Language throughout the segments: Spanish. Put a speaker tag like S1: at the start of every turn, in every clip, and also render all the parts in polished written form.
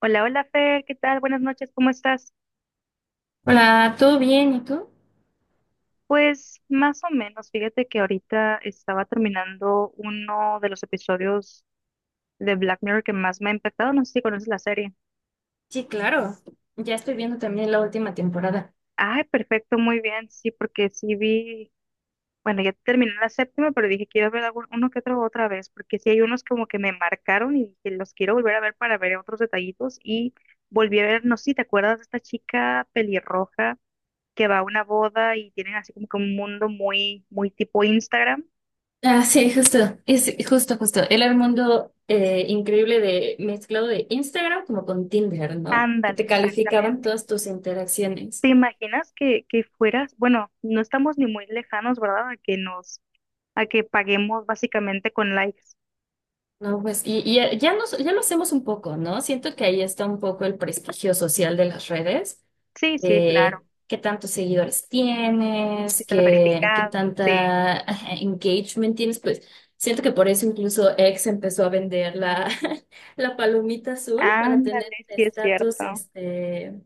S1: Hola, hola Fer, ¿qué tal? Buenas noches, ¿cómo estás?
S2: Hola, ¿todo bien? ¿Y tú?
S1: Pues más o menos, fíjate que ahorita estaba terminando uno de los episodios de Black Mirror que más me ha impactado. No sé si conoces la serie.
S2: Sí, claro. Ya estoy viendo también la última temporada.
S1: Ay, perfecto, muy bien, sí, porque sí vi, bueno, ya terminé la séptima, pero dije quiero ver uno que otro otra vez, porque sí hay unos como que me marcaron y que los quiero volver a ver para ver otros detallitos. Y volví a ver, no sé si te acuerdas de esta chica pelirroja que va a una boda y tienen así como que un mundo muy, muy tipo Instagram.
S2: Ah, sí, justo, es justo, justo. Era el mundo increíble de mezclado de Instagram como con Tinder, ¿no? Que
S1: Ándale,
S2: te calificaban
S1: exactamente.
S2: todas tus
S1: ¿Te
S2: interacciones.
S1: imaginas que fueras? Bueno, no estamos ni muy lejanos, ¿verdad? A que paguemos básicamente con likes.
S2: No, pues, y ya, ya nos, ya lo hacemos un poco, ¿no? Siento que ahí está un poco el prestigio social de las redes
S1: Sí, sí, sí, claro.
S2: de qué tantos seguidores tienes,
S1: Si estás
S2: qué, qué
S1: verificado, sí.
S2: tanta ajá, engagement tienes, pues siento que por eso incluso X empezó a vender la, la palomita azul para tener
S1: Ándale, sí, es
S2: estatus
S1: cierto.
S2: este,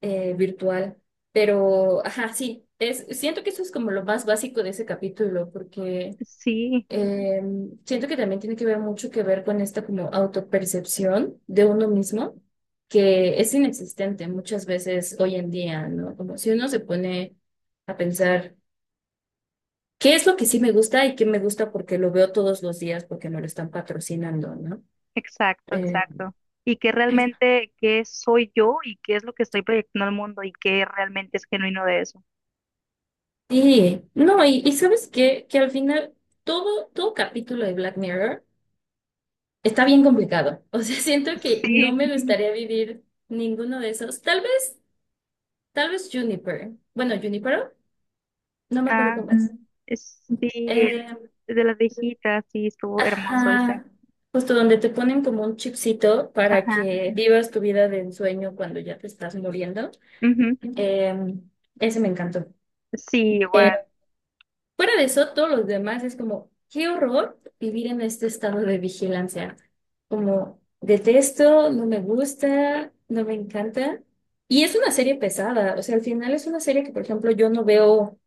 S2: virtual. Pero, ajá, sí, es, siento que eso es como lo más básico de ese capítulo, porque...
S1: Sí,
S2: Eh, Siento que también tiene que ver mucho que ver con esta como autopercepción de uno mismo, que es inexistente muchas veces hoy en día, ¿no? Como si uno se pone a pensar qué es lo que sí me gusta y qué me gusta porque lo veo todos los días porque me lo están patrocinando, ¿no?
S1: exacto,
S2: Eh,
S1: exacto. Y que realmente, qué soy yo y qué es lo que estoy proyectando al mundo y qué realmente es genuino de eso.
S2: sí, no, y sabes qué, que al final todo capítulo de Black Mirror está bien complicado. O sea, siento que no
S1: Sí,
S2: me gustaría vivir ninguno de esos. Tal vez. Tal vez Juniper. Bueno, Junipero, no me acuerdo
S1: ah,
S2: cómo es. Mm.
S1: sí,
S2: Eh,
S1: de las viejitas, sí, estuvo hermoso ese.
S2: ajá. Justo donde te ponen como un chipcito para
S1: Ajá,
S2: que vivas tu vida de ensueño cuando ya te estás muriendo.
S1: ujú.
S2: Eh, ese me encantó.
S1: Sí, igual,
S2: Pero fuera de eso, todos los demás es como, qué horror vivir en este estado de vigilancia. Como, detesto, no me gusta, no me encanta. Y es una serie pesada. O sea, al final es una serie que, por ejemplo, yo no veo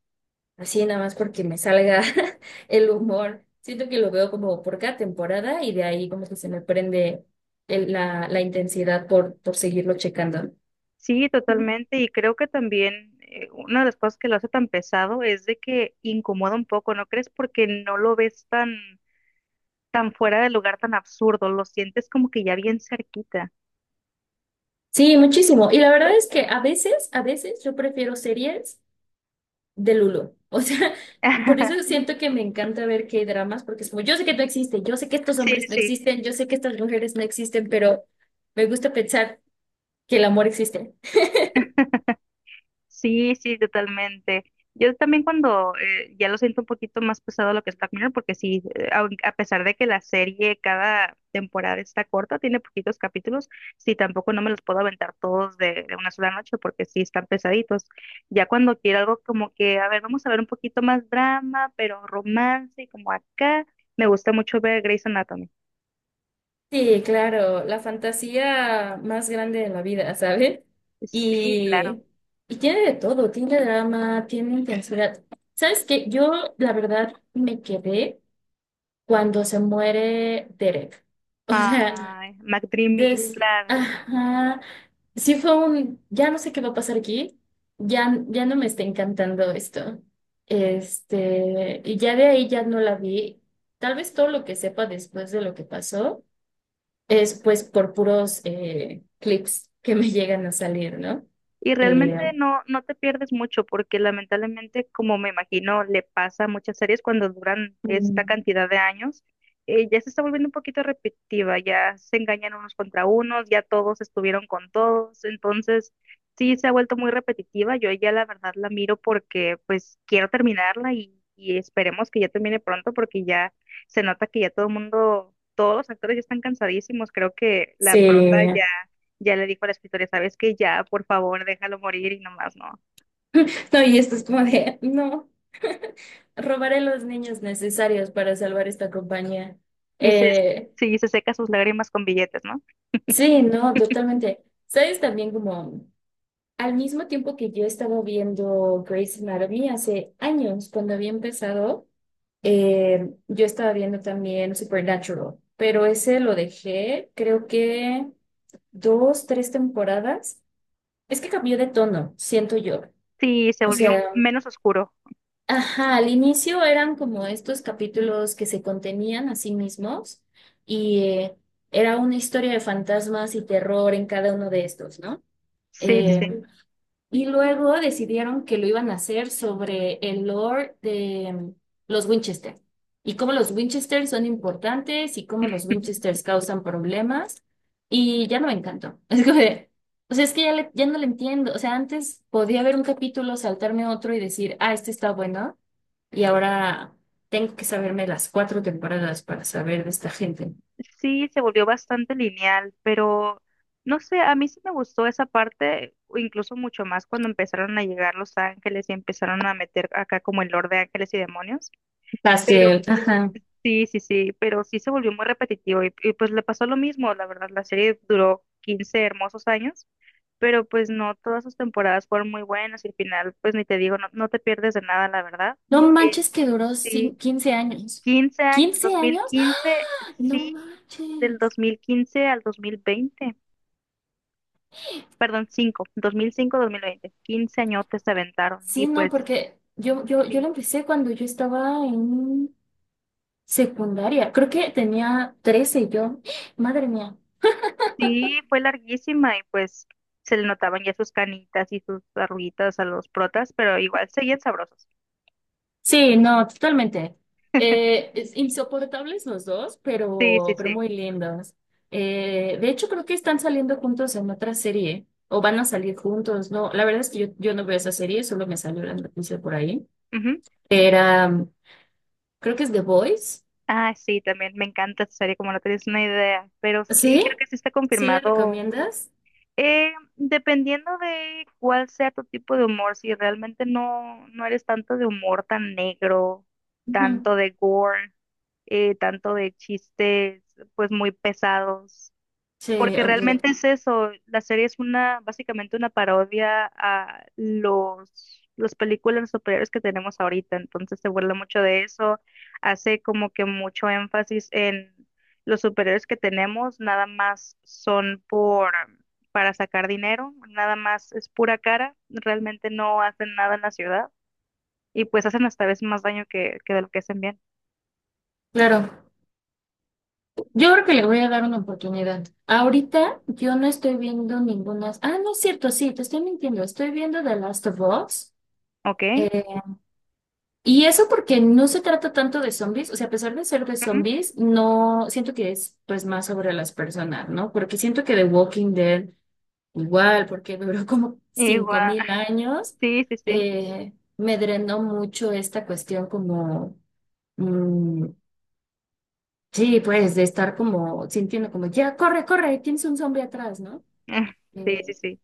S2: así nada más porque me salga el humor. Siento que lo veo como por cada temporada y de ahí como que se me prende la intensidad por seguirlo checando.
S1: sí, totalmente. Y creo que también una de las cosas que lo hace tan pesado es de que incomoda un poco, ¿no crees? Porque no lo ves tan, tan fuera de lugar, tan absurdo, lo sientes como que ya bien cerquita.
S2: Sí, muchísimo. Y la verdad es que a veces yo prefiero series de Lulo. O sea, por eso siento que me encanta ver hay dramas porque es como, yo sé que no existen, yo sé que estos
S1: Sí,
S2: hombres no
S1: sí,
S2: existen, yo sé que estas mujeres no existen, pero me gusta pensar que el amor existe.
S1: sí, sí, totalmente. Yo también cuando ya lo siento un poquito más pesado lo que es Black Mirror, porque sí, a pesar de que la serie cada temporada está corta, tiene poquitos capítulos, sí, tampoco no me los puedo aventar todos de una sola noche porque sí están pesaditos. Ya cuando quiero algo como que, a ver, vamos a ver un poquito más drama, pero romance y como acá, me gusta mucho ver Grey's Anatomy.
S2: Sí, claro, la fantasía más grande de la vida, ¿sabes?
S1: Sí, claro.
S2: Y, y tiene de todo, tiene drama, tiene intensidad. ¿Sabes qué? Yo, la verdad, me quedé cuando se muere Derek. O sea, mm.
S1: Ay, McDreamy,
S2: Des...
S1: claro.
S2: Ajá, sí fue un... Ya no sé qué va a pasar aquí, ya, ya no me está encantando esto. Este, y ya de ahí ya no la vi. Tal vez todo lo que sepa después de lo que pasó es pues por puros clips que me llegan a salir, ¿no?
S1: Y realmente
S2: Eh,
S1: no te pierdes mucho porque lamentablemente, como me imagino, le pasa a muchas series cuando duran esta
S2: mm,
S1: cantidad de años. Ya se está volviendo un poquito repetitiva, ya se engañan unos contra unos, ya todos estuvieron con todos, entonces sí se ha vuelto muy repetitiva. Yo ya, la verdad, la miro porque pues quiero terminarla y esperemos que ya termine pronto, porque ya se nota que ya todo el mundo, todos los actores ya están cansadísimos. Creo que la prota ya
S2: sí.
S1: ya le dijo a la escritora: ¿sabes que Ya, por favor, déjalo morir y nomás no.
S2: No, y esto es como de, no, robaré los niños necesarios para salvar esta compañía.
S1: Y
S2: Eh,
S1: sí, se seca sus lágrimas con billetes, ¿no?
S2: sí, no, totalmente. ¿Sabes también como, al mismo tiempo que yo estaba viendo Grey's Anatomy hace años, cuando había empezado, yo estaba viendo también Supernatural, pero ese lo dejé, creo que dos, tres temporadas. Es que cambió de tono, siento yo. O
S1: Sí, se
S2: ujú
S1: volvió
S2: sea,
S1: menos oscuro.
S2: ajá, al inicio eran como estos capítulos que se contenían a sí mismos y era una historia de fantasmas y terror en cada uno de estos, ¿no?
S1: Sí, sí, sí.
S2: Eh, y luego decidieron que lo iban a hacer sobre el lore de los Winchester y cómo los Winchester son importantes y cómo los Winchester causan problemas. Y ya no me encantó. Es como de, o sea, es que ya, ya no le entiendo. O sea, antes podía ver un capítulo, saltarme otro y decir, ah, este está bueno. Y ahora tengo que saberme las cuatro temporadas para saber de esta gente.
S1: Sí, se volvió bastante lineal, pero no sé, a mí sí me gustó esa parte, o incluso mucho más cuando empezaron a llegar los ángeles y empezaron a meter acá como el Lord de Ángeles y Demonios.
S2: Pastel, ajá.
S1: Sí, sí, sí, pero sí se volvió muy repetitivo y, pues le pasó lo mismo, la verdad, la serie duró 15 hermosos años, pero pues no todas sus temporadas fueron muy buenas y al final, pues ni te digo, no, no te pierdes de nada, la verdad.
S2: No
S1: Eh,
S2: manches que duró
S1: sí,
S2: 15 años.
S1: 15 años,
S2: ¿Quince
S1: dos mil
S2: años?
S1: quince,
S2: No
S1: sí, del
S2: manches.
S1: 2015 al 2020, perdón, 5, 2005-2020, 15 añotes se aventaron y
S2: Sí, no,
S1: pues...
S2: porque yo, yo
S1: sí.
S2: lo empecé cuando yo estaba en secundaria. Creo que tenía 13 yo. Madre mía.
S1: Sí, fue larguísima y pues se le notaban ya sus canitas y sus arruguitas a los protas, pero igual seguían sabrosos.
S2: Sí, no, totalmente. Insoportables los dos,
S1: Sí, sí,
S2: pero
S1: sí.
S2: muy lindos. De hecho, creo que están saliendo juntos en otra serie, o van a salir juntos. No, la verdad es que yo no veo esa serie, solo me salió la noticia por ahí.
S1: Ujú.
S2: Era, creo que es The Voice.
S1: Ah, sí, también me encanta esa serie, como no tienes una idea, pero sí,
S2: ¿Sí?
S1: creo que sí está
S2: ¿Sí la
S1: confirmado.
S2: recomiendas?
S1: Dependiendo de cuál sea tu tipo de humor, si realmente no eres tanto de humor tan negro,
S2: Ujú.
S1: tanto de gore, tanto de chistes pues muy pesados.
S2: Sí,
S1: Porque
S2: ok,
S1: realmente es eso, la serie es una, básicamente una parodia a las películas superiores que tenemos ahorita, entonces se burla mucho de eso, hace como que mucho énfasis en los superiores que tenemos, nada más son para sacar dinero, nada más es pura cara, realmente no hacen nada en la ciudad, y pues hacen hasta vez más daño que de lo que hacen bien.
S2: claro. Yo creo que le voy a dar una oportunidad. Ahorita yo no estoy viendo ninguna. Ah, no es cierto, sí, te estoy mintiendo. Estoy viendo The Last of Us.
S1: ¿Ok?
S2: eh, y eso porque no se trata tanto de zombies. O sea, a pesar de ser de
S1: Ujú.
S2: zombies, no siento que es pues más sobre las personas, ¿no? Porque siento que The Walking Dead, igual, porque duró como cinco
S1: Igual,
S2: mil años,
S1: sí, sí, sí,
S2: me drenó mucho esta cuestión como mm, sí, pues de estar como sintiendo como, ya, corre, corre, tienes un zombie atrás, ¿no?
S1: sí, sí,
S2: Eh,
S1: sí.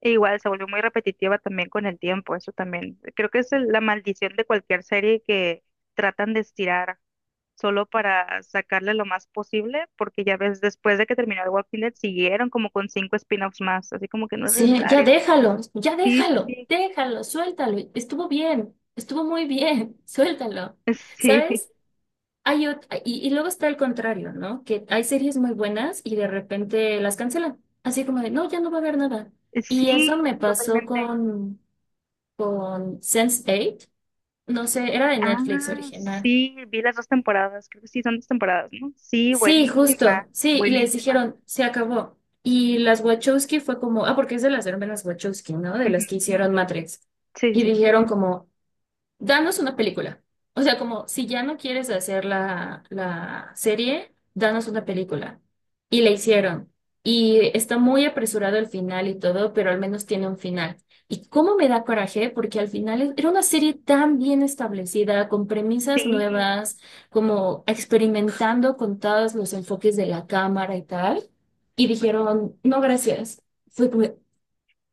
S1: E igual se volvió muy repetitiva también con el tiempo, eso también. Creo que es la maldición de cualquier serie que tratan de estirar solo para sacarle lo más posible, porque ya ves, después de que terminó el Walking Dead, siguieron como con cinco spin-offs más, así como que no es
S2: sí,
S1: necesario.
S2: ya
S1: Sí, sí,
S2: déjalo,
S1: sí,
S2: déjalo, suéltalo. Estuvo bien, estuvo muy bien, suéltalo. ¿Sabes? Y luego está el contrario, ¿no? Que hay series muy buenas y de repente las cancelan. Así como de, no, ya no va a haber nada.
S1: sí,
S2: Y eso me
S1: sí,
S2: pasó
S1: totalmente.
S2: con sense Eight. No sé, era de Netflix
S1: Ah,
S2: original.
S1: sí, vi las dos temporadas, creo que sí, son dos temporadas, ¿no? Sí,
S2: Sí,
S1: buenísima,
S2: justo, sí, y les
S1: buenísima.
S2: dijeron, se acabó. Y las Wachowski fue como, ah, porque es de las hermanas Wachowski, ¿no? De
S1: Ujú,
S2: las que hicieron Matrix.
S1: sí, sí,
S2: Y
S1: sí.
S2: dijeron como, danos una película. O sea, como si ya no quieres hacer la serie, danos una película. Y la hicieron. Y está muy apresurado el final y todo, pero al menos tiene un final. Y cómo me da coraje, porque al final era una serie tan bien establecida, con premisas
S1: Sí.
S2: nuevas, como experimentando con todos los enfoques de la cámara y tal. Y dijeron, no, gracias. Fue como,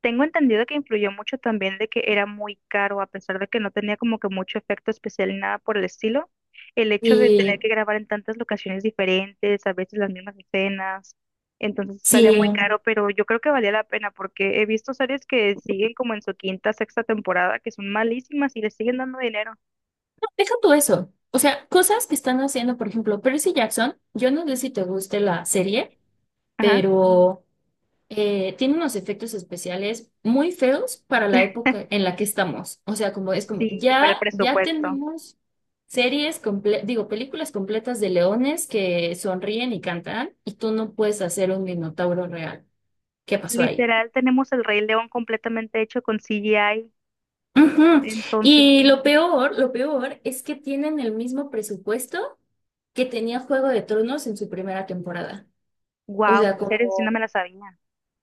S1: Tengo entendido que influyó mucho también de que era muy caro, a pesar de que no tenía como que mucho efecto especial ni nada por el estilo. El hecho de tener
S2: sí,
S1: que grabar en tantas locaciones diferentes, a veces las mismas escenas, entonces salía muy
S2: sí.
S1: caro, pero yo creo que valía la pena porque he visto series que siguen como en su quinta, sexta temporada, que son malísimas y les siguen dando dinero.
S2: Deja tú eso. O sea, cosas que están haciendo, por ejemplo, Percy Jackson, yo no sé si te guste la serie,
S1: Ajá.
S2: pero tiene unos efectos especiales muy feos para la época en la que estamos. O sea, como es como,
S1: Sí, para el
S2: ya, ya
S1: presupuesto.
S2: tenemos series, digo, películas completas de leones que sonríen y cantan, y tú no puedes hacer un minotauro real. ¿Qué pasó ahí?
S1: Literal, tenemos el Rey León completamente hecho con CGI,
S2: Ujú.
S1: entonces,
S2: Y lo peor es que tienen el mismo presupuesto que tenía Juego de Tronos en su primera temporada. O
S1: wow,
S2: sea,
S1: en serio, sí no
S2: como,
S1: me la sabía.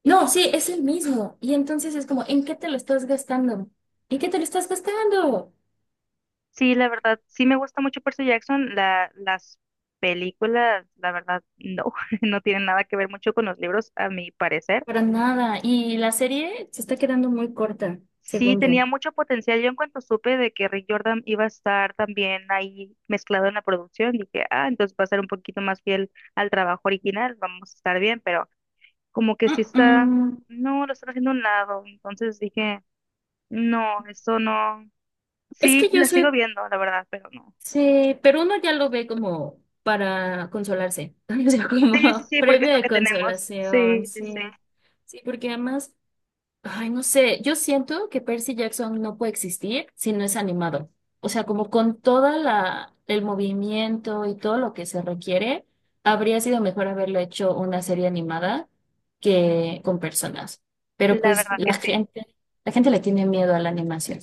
S2: no, sí, es el mismo. Y entonces es como, ¿en qué te lo estás gastando? ¿En qué te lo estás gastando?
S1: Sí, la verdad, sí me gusta mucho Percy Jackson. Las películas, la verdad, no, no tienen nada que ver mucho con los libros, a mi parecer.
S2: Para nada. Y la serie se está quedando muy corta,
S1: Sí,
S2: según yo.
S1: tenía mucho potencial. Yo en cuanto supe de que Rick Jordan iba a estar también ahí mezclado en la producción, dije, ah, entonces va a ser un poquito más fiel al trabajo original, vamos a estar bien, pero como que
S2: Mm,
S1: sí está,
S2: mm.
S1: no, lo están haciendo a un lado. Entonces dije, no, eso no.
S2: Es
S1: Sí,
S2: que yo
S1: la sigo
S2: soy
S1: viendo, la verdad, pero no.
S2: sí, pero uno ya lo ve como para consolarse, o sea,
S1: Sí, sí,
S2: como
S1: sí, porque es
S2: premio
S1: lo
S2: de
S1: que tenemos. Sí,
S2: consolación,
S1: sí, sí.
S2: sí. Sí, porque además, ay, no sé, yo siento que Percy Jackson no puede existir si no es animado. O sea, como con toda la el movimiento y todo lo que se requiere, habría sido mejor haberlo hecho una serie animada que con personas. Pero
S1: La
S2: pues
S1: verdad que sí,
S2: la gente le tiene miedo a la animación.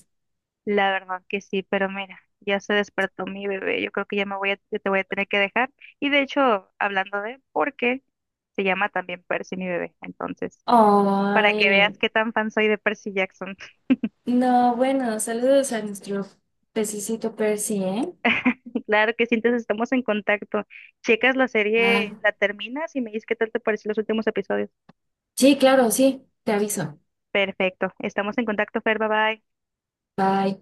S1: la verdad que sí, pero mira, ya se despertó mi bebé, yo creo que ya me voy a, ya te voy a tener que dejar. Y de hecho, hablando de, porque se llama también Percy mi bebé, entonces, para que
S2: Ay.
S1: veas qué tan fan soy de Percy Jackson.
S2: No, bueno, saludos a nuestro pececito Percy, ¿eh?
S1: Claro que sí. Entonces estamos en contacto. Checas la
S2: Ah,
S1: serie, la terminas y me dices qué tal te pareció los últimos episodios.
S2: sí, claro, sí, te aviso.
S1: Perfecto, estamos en contacto, Fer, bye bye.
S2: Bye.